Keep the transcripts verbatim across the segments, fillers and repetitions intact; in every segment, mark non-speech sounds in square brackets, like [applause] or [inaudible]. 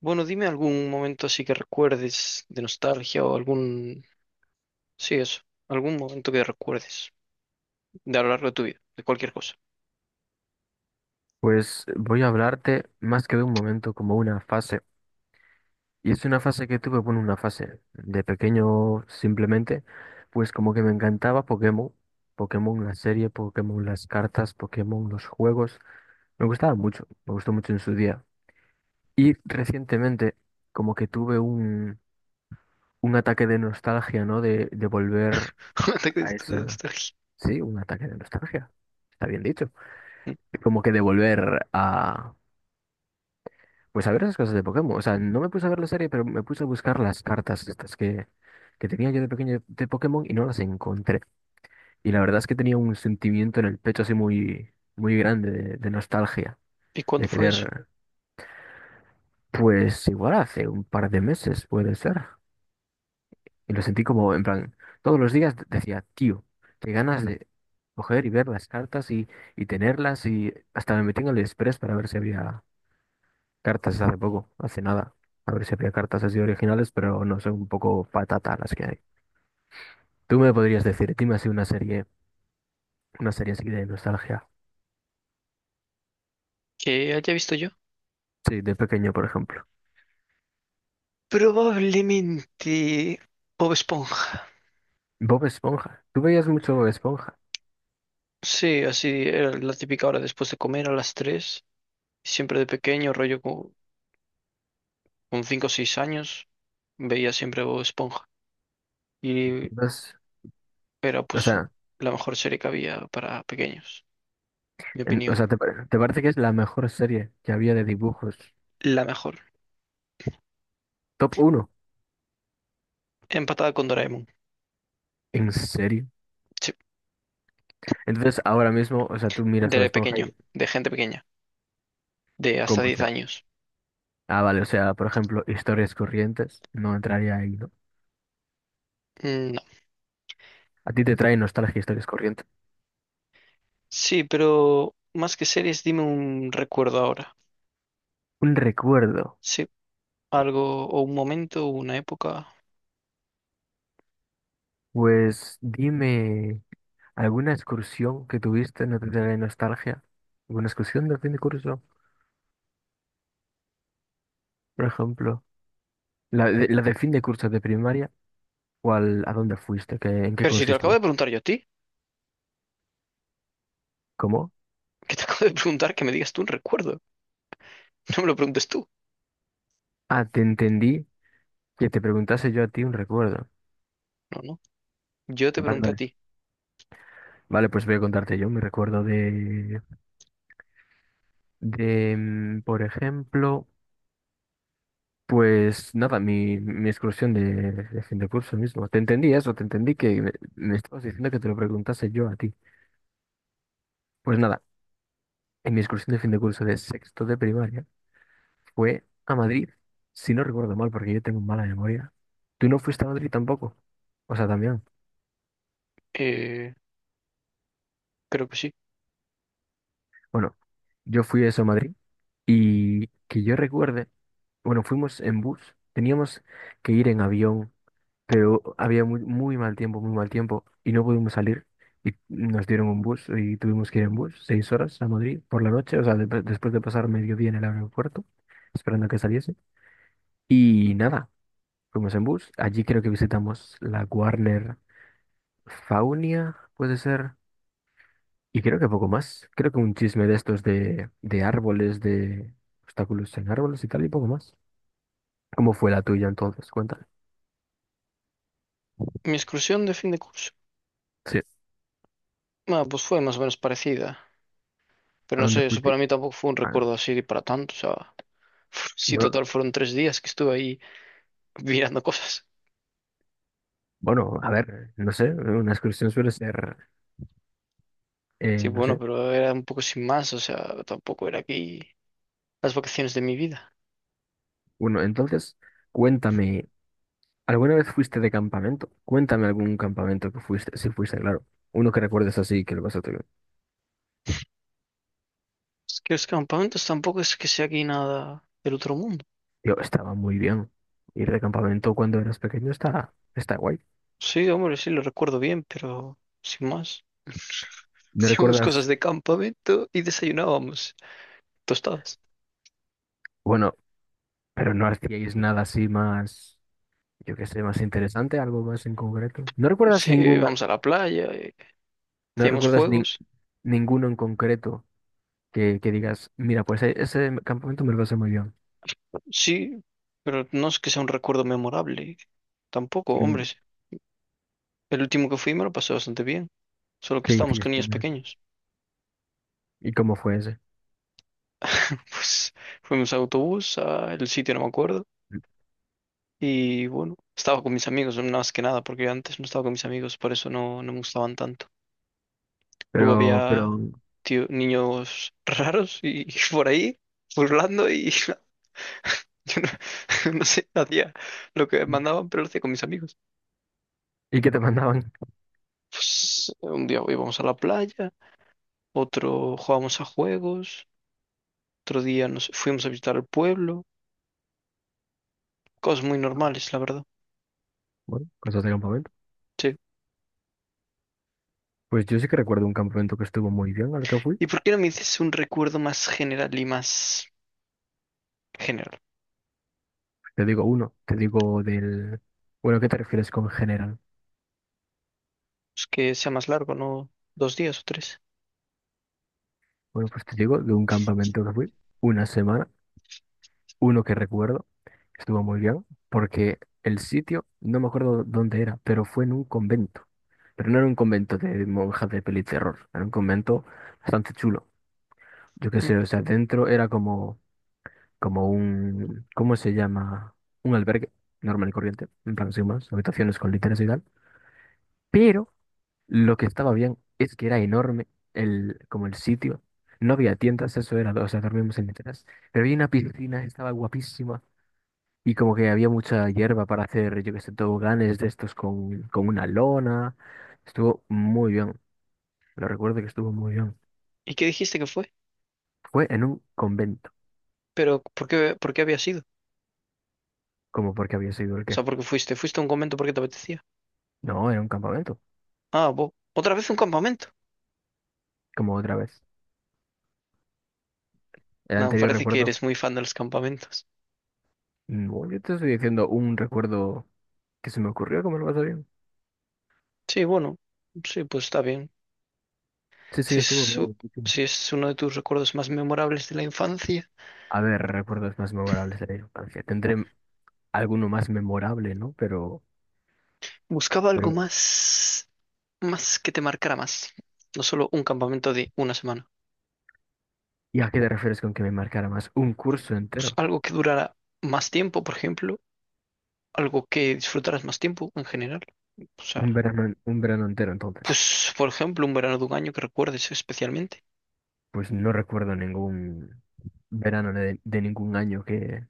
Bueno, dime algún momento así que recuerdes de nostalgia o algún... Sí, eso. Algún momento que recuerdes de a lo largo de tu vida, de cualquier cosa. Pues voy a hablarte más que de un momento, como una fase. Y es una fase que tuve, bueno, una fase de pequeño simplemente, pues como que me encantaba Pokémon, Pokémon la serie, Pokémon las cartas, Pokémon los juegos. Me gustaba mucho, me gustó mucho en su día. Y recientemente como que tuve un, un ataque de nostalgia, ¿no? De, de volver [laughs] Un ataque de a esa... nostalgia. Sí, un ataque de nostalgia. Está bien dicho. ¿Mm? Como que de volver a pues a ver esas cosas de Pokémon. O sea, no me puse a ver la serie, pero me puse a buscar las cartas estas que, que tenía yo de pequeño de de Pokémon y no las encontré. Y la verdad es que tenía un sentimiento en el pecho así muy, muy grande de, de nostalgia, ¿Y de cuándo fue eso? querer, pues igual hace un par de meses puede ser. Y lo sentí como, en plan, todos los días decía, tío, qué ganas de coger y ver las cartas y, y tenerlas y hasta me metí en el Express para ver si había cartas hace poco, hace nada. A ver si había cartas así originales, pero no son un poco patata las que hay. Tú me podrías decir, dime así una serie, una serie así de nostalgia. ¿Que haya visto yo? Sí, de pequeño, por ejemplo. Probablemente Bob Esponja. Bob Esponja. Tú veías mucho Bob Esponja. Sí, así era la típica hora después de comer a las tres. Siempre de pequeño, rollo co- con, cinco o seis años, veía siempre Bob Esponja. Y Entonces, era o pues sea, la mejor serie que había para pequeños, mi en- o opinión. sea, te, pare- ¿te parece que es la mejor serie que había de dibujos? La mejor. Top uno, Empatada con Doraemon. ¿en serio? Sí, Entonces, ahora mismo, o sea, tú miras Bob de Esponja y pequeño, de gente pequeña, de hasta ¿cómo diez sea? años. Ah, vale, o sea, por ejemplo, historias corrientes. No entraría ahí, ¿no? Mm, No. A ti te trae nostalgia historias corrientes. Sí, pero más que series, dime un recuerdo ahora. Un recuerdo. Sí, algo o un momento, una época. Pues dime, ¿alguna excursión que tuviste no te trae nostalgia? ¿Alguna excursión de fin de curso, por ejemplo? ¿La de, la de fin de curso de primaria? ¿O al- a dónde fuiste? ¿Qué- ¿en qué Pero si te lo acabo de consistió? preguntar yo a ti, ¿Cómo? que te [laughs] acabo de preguntar que me digas tú un recuerdo. [laughs] No me lo preguntes tú. Ah, te entendí que te preguntase yo a ti un recuerdo. No, no. Yo te Vale, pregunté a vale. ti. Vale, pues voy a contarte yo mi recuerdo de, de, mm, por ejemplo, pues nada, mi, mi excursión de, de fin de curso mismo. Te entendí eso, te entendí que me me estabas diciendo que te lo preguntase yo a ti. Pues nada. En mi excursión de fin de curso de sexto de primaria fue a Madrid, si no recuerdo mal, porque yo tengo mala memoria. ¿Tú no fuiste a Madrid tampoco? O sea, también. Eh, creo que sí. Bueno, yo fui eso a Madrid y que yo recuerde, bueno, fuimos en bus, teníamos que ir en avión, pero había muy, muy mal tiempo, muy mal tiempo y no pudimos salir. Y nos dieron un bus y tuvimos que ir en bus seis horas a Madrid por la noche, o sea, de- después de pasar mediodía en el aeropuerto, esperando a que saliese. Y nada. Fuimos en bus. Allí creo que visitamos la Warner Faunia, puede ser. Y creo que poco más. Creo que un chisme de estos de, de árboles, de obstáculos en árboles y tal, y poco más. ¿Cómo fue la tuya entonces? Cuéntame. Mi excursión de fin de curso. Sí. Ah, pues fue más o menos parecida. Pero ¿A no dónde sé, eso fuiste? para mí tampoco fue un Ah, recuerdo así para tanto. O sea, [laughs] si no, total fueron tres días que estuve ahí [laughs] mirando cosas. bueno, a ver, no sé. Una excursión suele ser, Sí, eh, no bueno, sé. pero era un poco sin más, o sea, tampoco era aquí las vacaciones de mi vida. Bueno, entonces, cuéntame. ¿Alguna vez fuiste de campamento? Cuéntame algún campamento que fuiste, si fuiste, claro. Uno que recuerdes así, que lo vas a Es que los campamentos tampoco es que sea aquí nada del otro mundo. yo estaba muy bien. Ir de campamento cuando eras pequeño está, está guay. Sí, hombre, sí, lo recuerdo bien, pero sin más. [laughs] ¿No Hacíamos cosas recuerdas? de campamento y desayunábamos tostadas. Bueno, pero no hacíais nada así más, yo qué sé, más interesante, algo más en concreto. ¿No recuerdas Sí, ninguna, íbamos a la playa, eh, no hacíamos recuerdas nin- juegos. ninguno en concreto que, que digas, mira, pues e- ese campamento me lo pasé muy bien? Sí, pero no es que sea un recuerdo memorable. Tampoco, hombre. ¿En- Sí. El último que fui me lo pasé bastante bien, solo que ¿qué estábamos con hiciste niños en ese? pequeños. ¿Y cómo fue ese? [laughs] Pues fuimos a autobús al sitio, no me acuerdo. Y bueno, estaba con mis amigos, no, más que nada, porque antes no estaba con mis amigos, por eso no, no me gustaban tanto. Luego Pero, pero, había tío- niños raros y, [laughs] por ahí, burlando, y [laughs] yo no, [laughs] no sé, hacía lo que mandaban, pero lo hacía con mis amigos. ¿y qué te [laughs] mandaban? Pues, un día íbamos a la playa, otro jugábamos a juegos, otro día nos fuimos a visitar el pueblo, cosas muy normales, la verdad. Bueno, cosas de campamento. Sí. Pues yo sí que recuerdo un campamento que estuvo muy bien al que fui. ¿Y por qué no me dices un recuerdo más general y más general? Te digo uno, te digo del... Bueno, ¿qué te refieres con general? Pues que sea más largo, no dos días o tres. Bueno, pues te digo de un campamento que fui, una semana, uno que recuerdo, estuvo muy bien, porque el sitio, no me acuerdo dónde era, pero fue en un convento. Pero no era un convento de monjas de peli terror, era un convento bastante chulo. Yo qué Mm. sé, o sea, dentro era como, como un, ¿cómo se llama? Un albergue normal y corriente, en plan sin más, habitaciones con literas y tal. Pero lo que estaba bien es que era enorme el, como el sitio. No había tiendas, eso era, o sea, dormimos en literas. Pero había una piscina, estaba guapísima. Y como que había mucha hierba para hacer, yo que sé, toboganes de estos con, con una lona. Estuvo muy bien. Lo recuerdo que estuvo muy bien. ¿Y qué dijiste que fue? Fue en un convento. Pero ¿por qué, por qué había sido? ¿Como porque había sido el O qué? sea, ¿por qué fuiste? ¿Fuiste a un convento porque te apetecía? No, era un campamento. Ah, bo- ¿otra vez un campamento? Como otra vez. El No, anterior parece que recuerdo. eres muy fan de los campamentos. No, yo te estoy diciendo un recuerdo que se me ocurrió, ¿cómo lo vas a bien? Sí, bueno, sí, pues está bien. Sí, sí, Si es, estuvo su- muy bien. si es uno de tus recuerdos más memorables de la infancia, A ver, recuerdos más memorables de la infancia. Tendré alguno más memorable, ¿no? Pero, buscaba algo pero, más, más que te marcara más. No solo un campamento de una semana. ¿y a qué te refieres con que me marcara más? Un curso Pues, entero, algo que durara más tiempo, por ejemplo, algo que disfrutaras más tiempo en general. O un sea, verano, en- un verano entero, entonces. pues por ejemplo, un verano de un año que recuerdes especialmente. Pues no recuerdo ningún verano de, de ningún año que,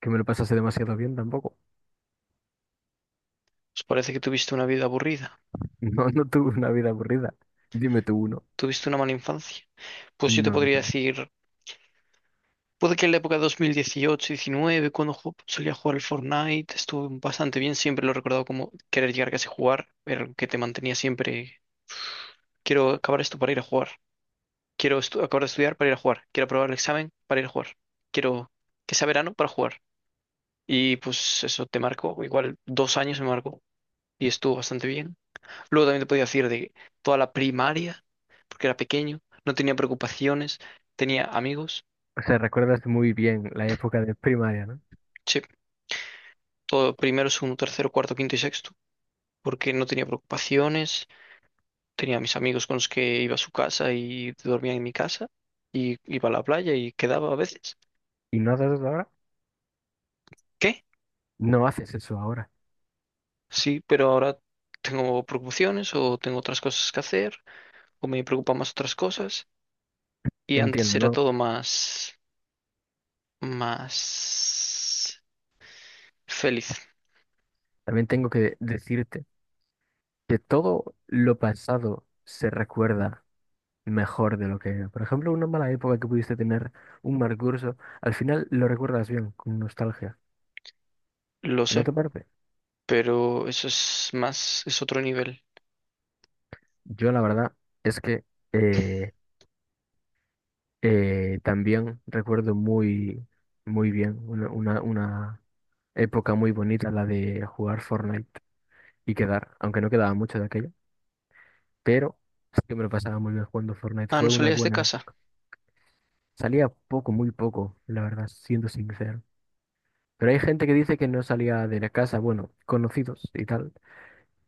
que me lo pasase demasiado bien tampoco. [laughs] Pues parece que tuviste una vida aburrida, No, no tuve una vida aburrida. Dime tú uno. tuviste una mala infancia. Pues yo te No, no podría tengo. decir, puede que en la época de dos mil dieciocho-diecinueve, cuando ju- solía jugar al Fortnite, estuve bastante bien, siempre lo he recordado como querer llegar casi a casa y jugar, era algo que te mantenía siempre, quiero acabar esto para ir a jugar, quiero estu- acabar de estudiar para ir a jugar, quiero aprobar el examen para ir a jugar, quiero que sea verano para jugar. Y pues eso te marcó, igual dos años me marcó y estuvo bastante bien. Luego también te podía decir de toda la primaria, porque era pequeño, no tenía preocupaciones, tenía amigos, O sea, recuerdas muy bien la época de primaria, ¿no? sí, todo primero, segundo, tercero, cuarto, quinto y sexto, porque no tenía preocupaciones, tenía a mis amigos con los que iba a su casa y dormía en mi casa y iba a la playa y quedaba a veces. ¿Y no haces eso ahora? ¿Qué? No haces eso ahora. Sí, pero ahora tengo preocupaciones o tengo otras cosas que hacer o me preocupan más otras cosas y antes Entiendo, era ¿no? todo más más feliz. También tengo que decirte que todo lo pasado se recuerda mejor de lo que era. Por ejemplo, una mala época que pudiste tener, un mal curso, al final lo recuerdas bien, con nostalgia. Lo ¿No te sé, parece? pero eso es más, es otro nivel. Yo la verdad es que eh, eh, también recuerdo muy, muy bien una, una, una época muy bonita, la de jugar Fortnite y quedar, aunque no quedaba mucho de aquello, pero sí que me lo pasaba muy bien jugando Fortnite. Ah, Fue no una salías de buena casa. época. Salía poco, muy poco, la verdad, siendo sincero. Pero hay gente que dice que no salía de la casa, bueno, conocidos y tal,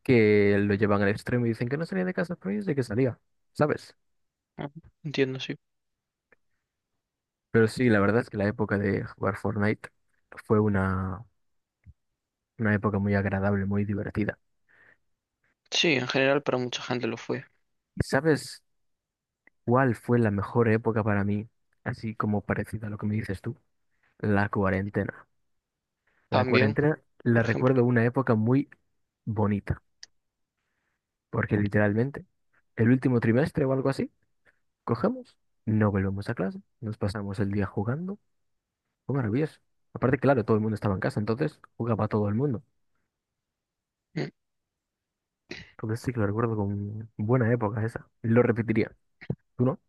que lo llevan al extremo y dicen que no salía de casa, pero yo sé que salía, ¿sabes? Ah, entiendo, sí. Pero sí, la verdad es que la época de jugar Fortnite fue una, una época muy agradable, muy divertida. Sí, en general para mucha gente lo fue. ¿Y sabes cuál fue la mejor época para mí? Así como parecida a lo que me dices tú, la cuarentena. La También, cuarentena por la ejemplo. recuerdo una época muy bonita, porque literalmente el último trimestre o algo así cogemos, no volvemos a clase, nos pasamos el día jugando. Fue maravilloso. Aparte, claro, todo el mundo estaba en casa, entonces jugaba todo el mundo. Mm. O Entonces sí que lo recuerdo con buena época esa. Lo repetiría. ¿Tú no?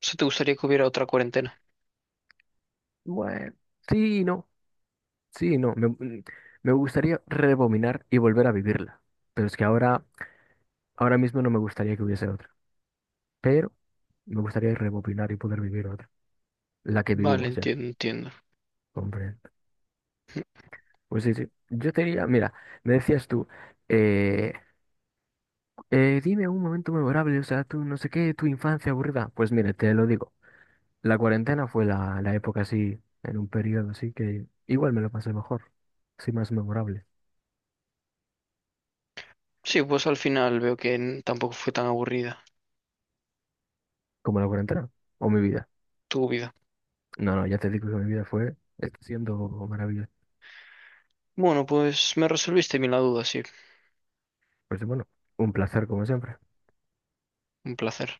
sea, ¿te gustaría que hubiera otra cuarentena? Bueno, sí, y no, sí, y no. Me, mm, me gustaría rebobinar y volver a vivirla. Pero es que ahora, ahora mismo no me gustaría que hubiese otra. Pero me gustaría rebobinar y poder vivir otra. La que Vale, vivimos ya. entiendo, entiendo. Hombre. Pues sí, sí. Yo te diría, mira, me decías tú, eh, Eh, dime un momento memorable, o sea, tú no sé qué, tu infancia aburrida. Pues mire, te lo digo. La cuarentena fue la, la época así, en un periodo así que igual me lo pasé mejor, así más memorable, Sí, pues al final veo que n- tampoco fue tan aburrida como la cuarentena o mi vida. tu vida. No, no, ya te digo que mi vida fue, está siendo maravillosa. Bueno, pues me resolviste bien la duda, sí. Pues bueno, un placer como siempre. Un placer.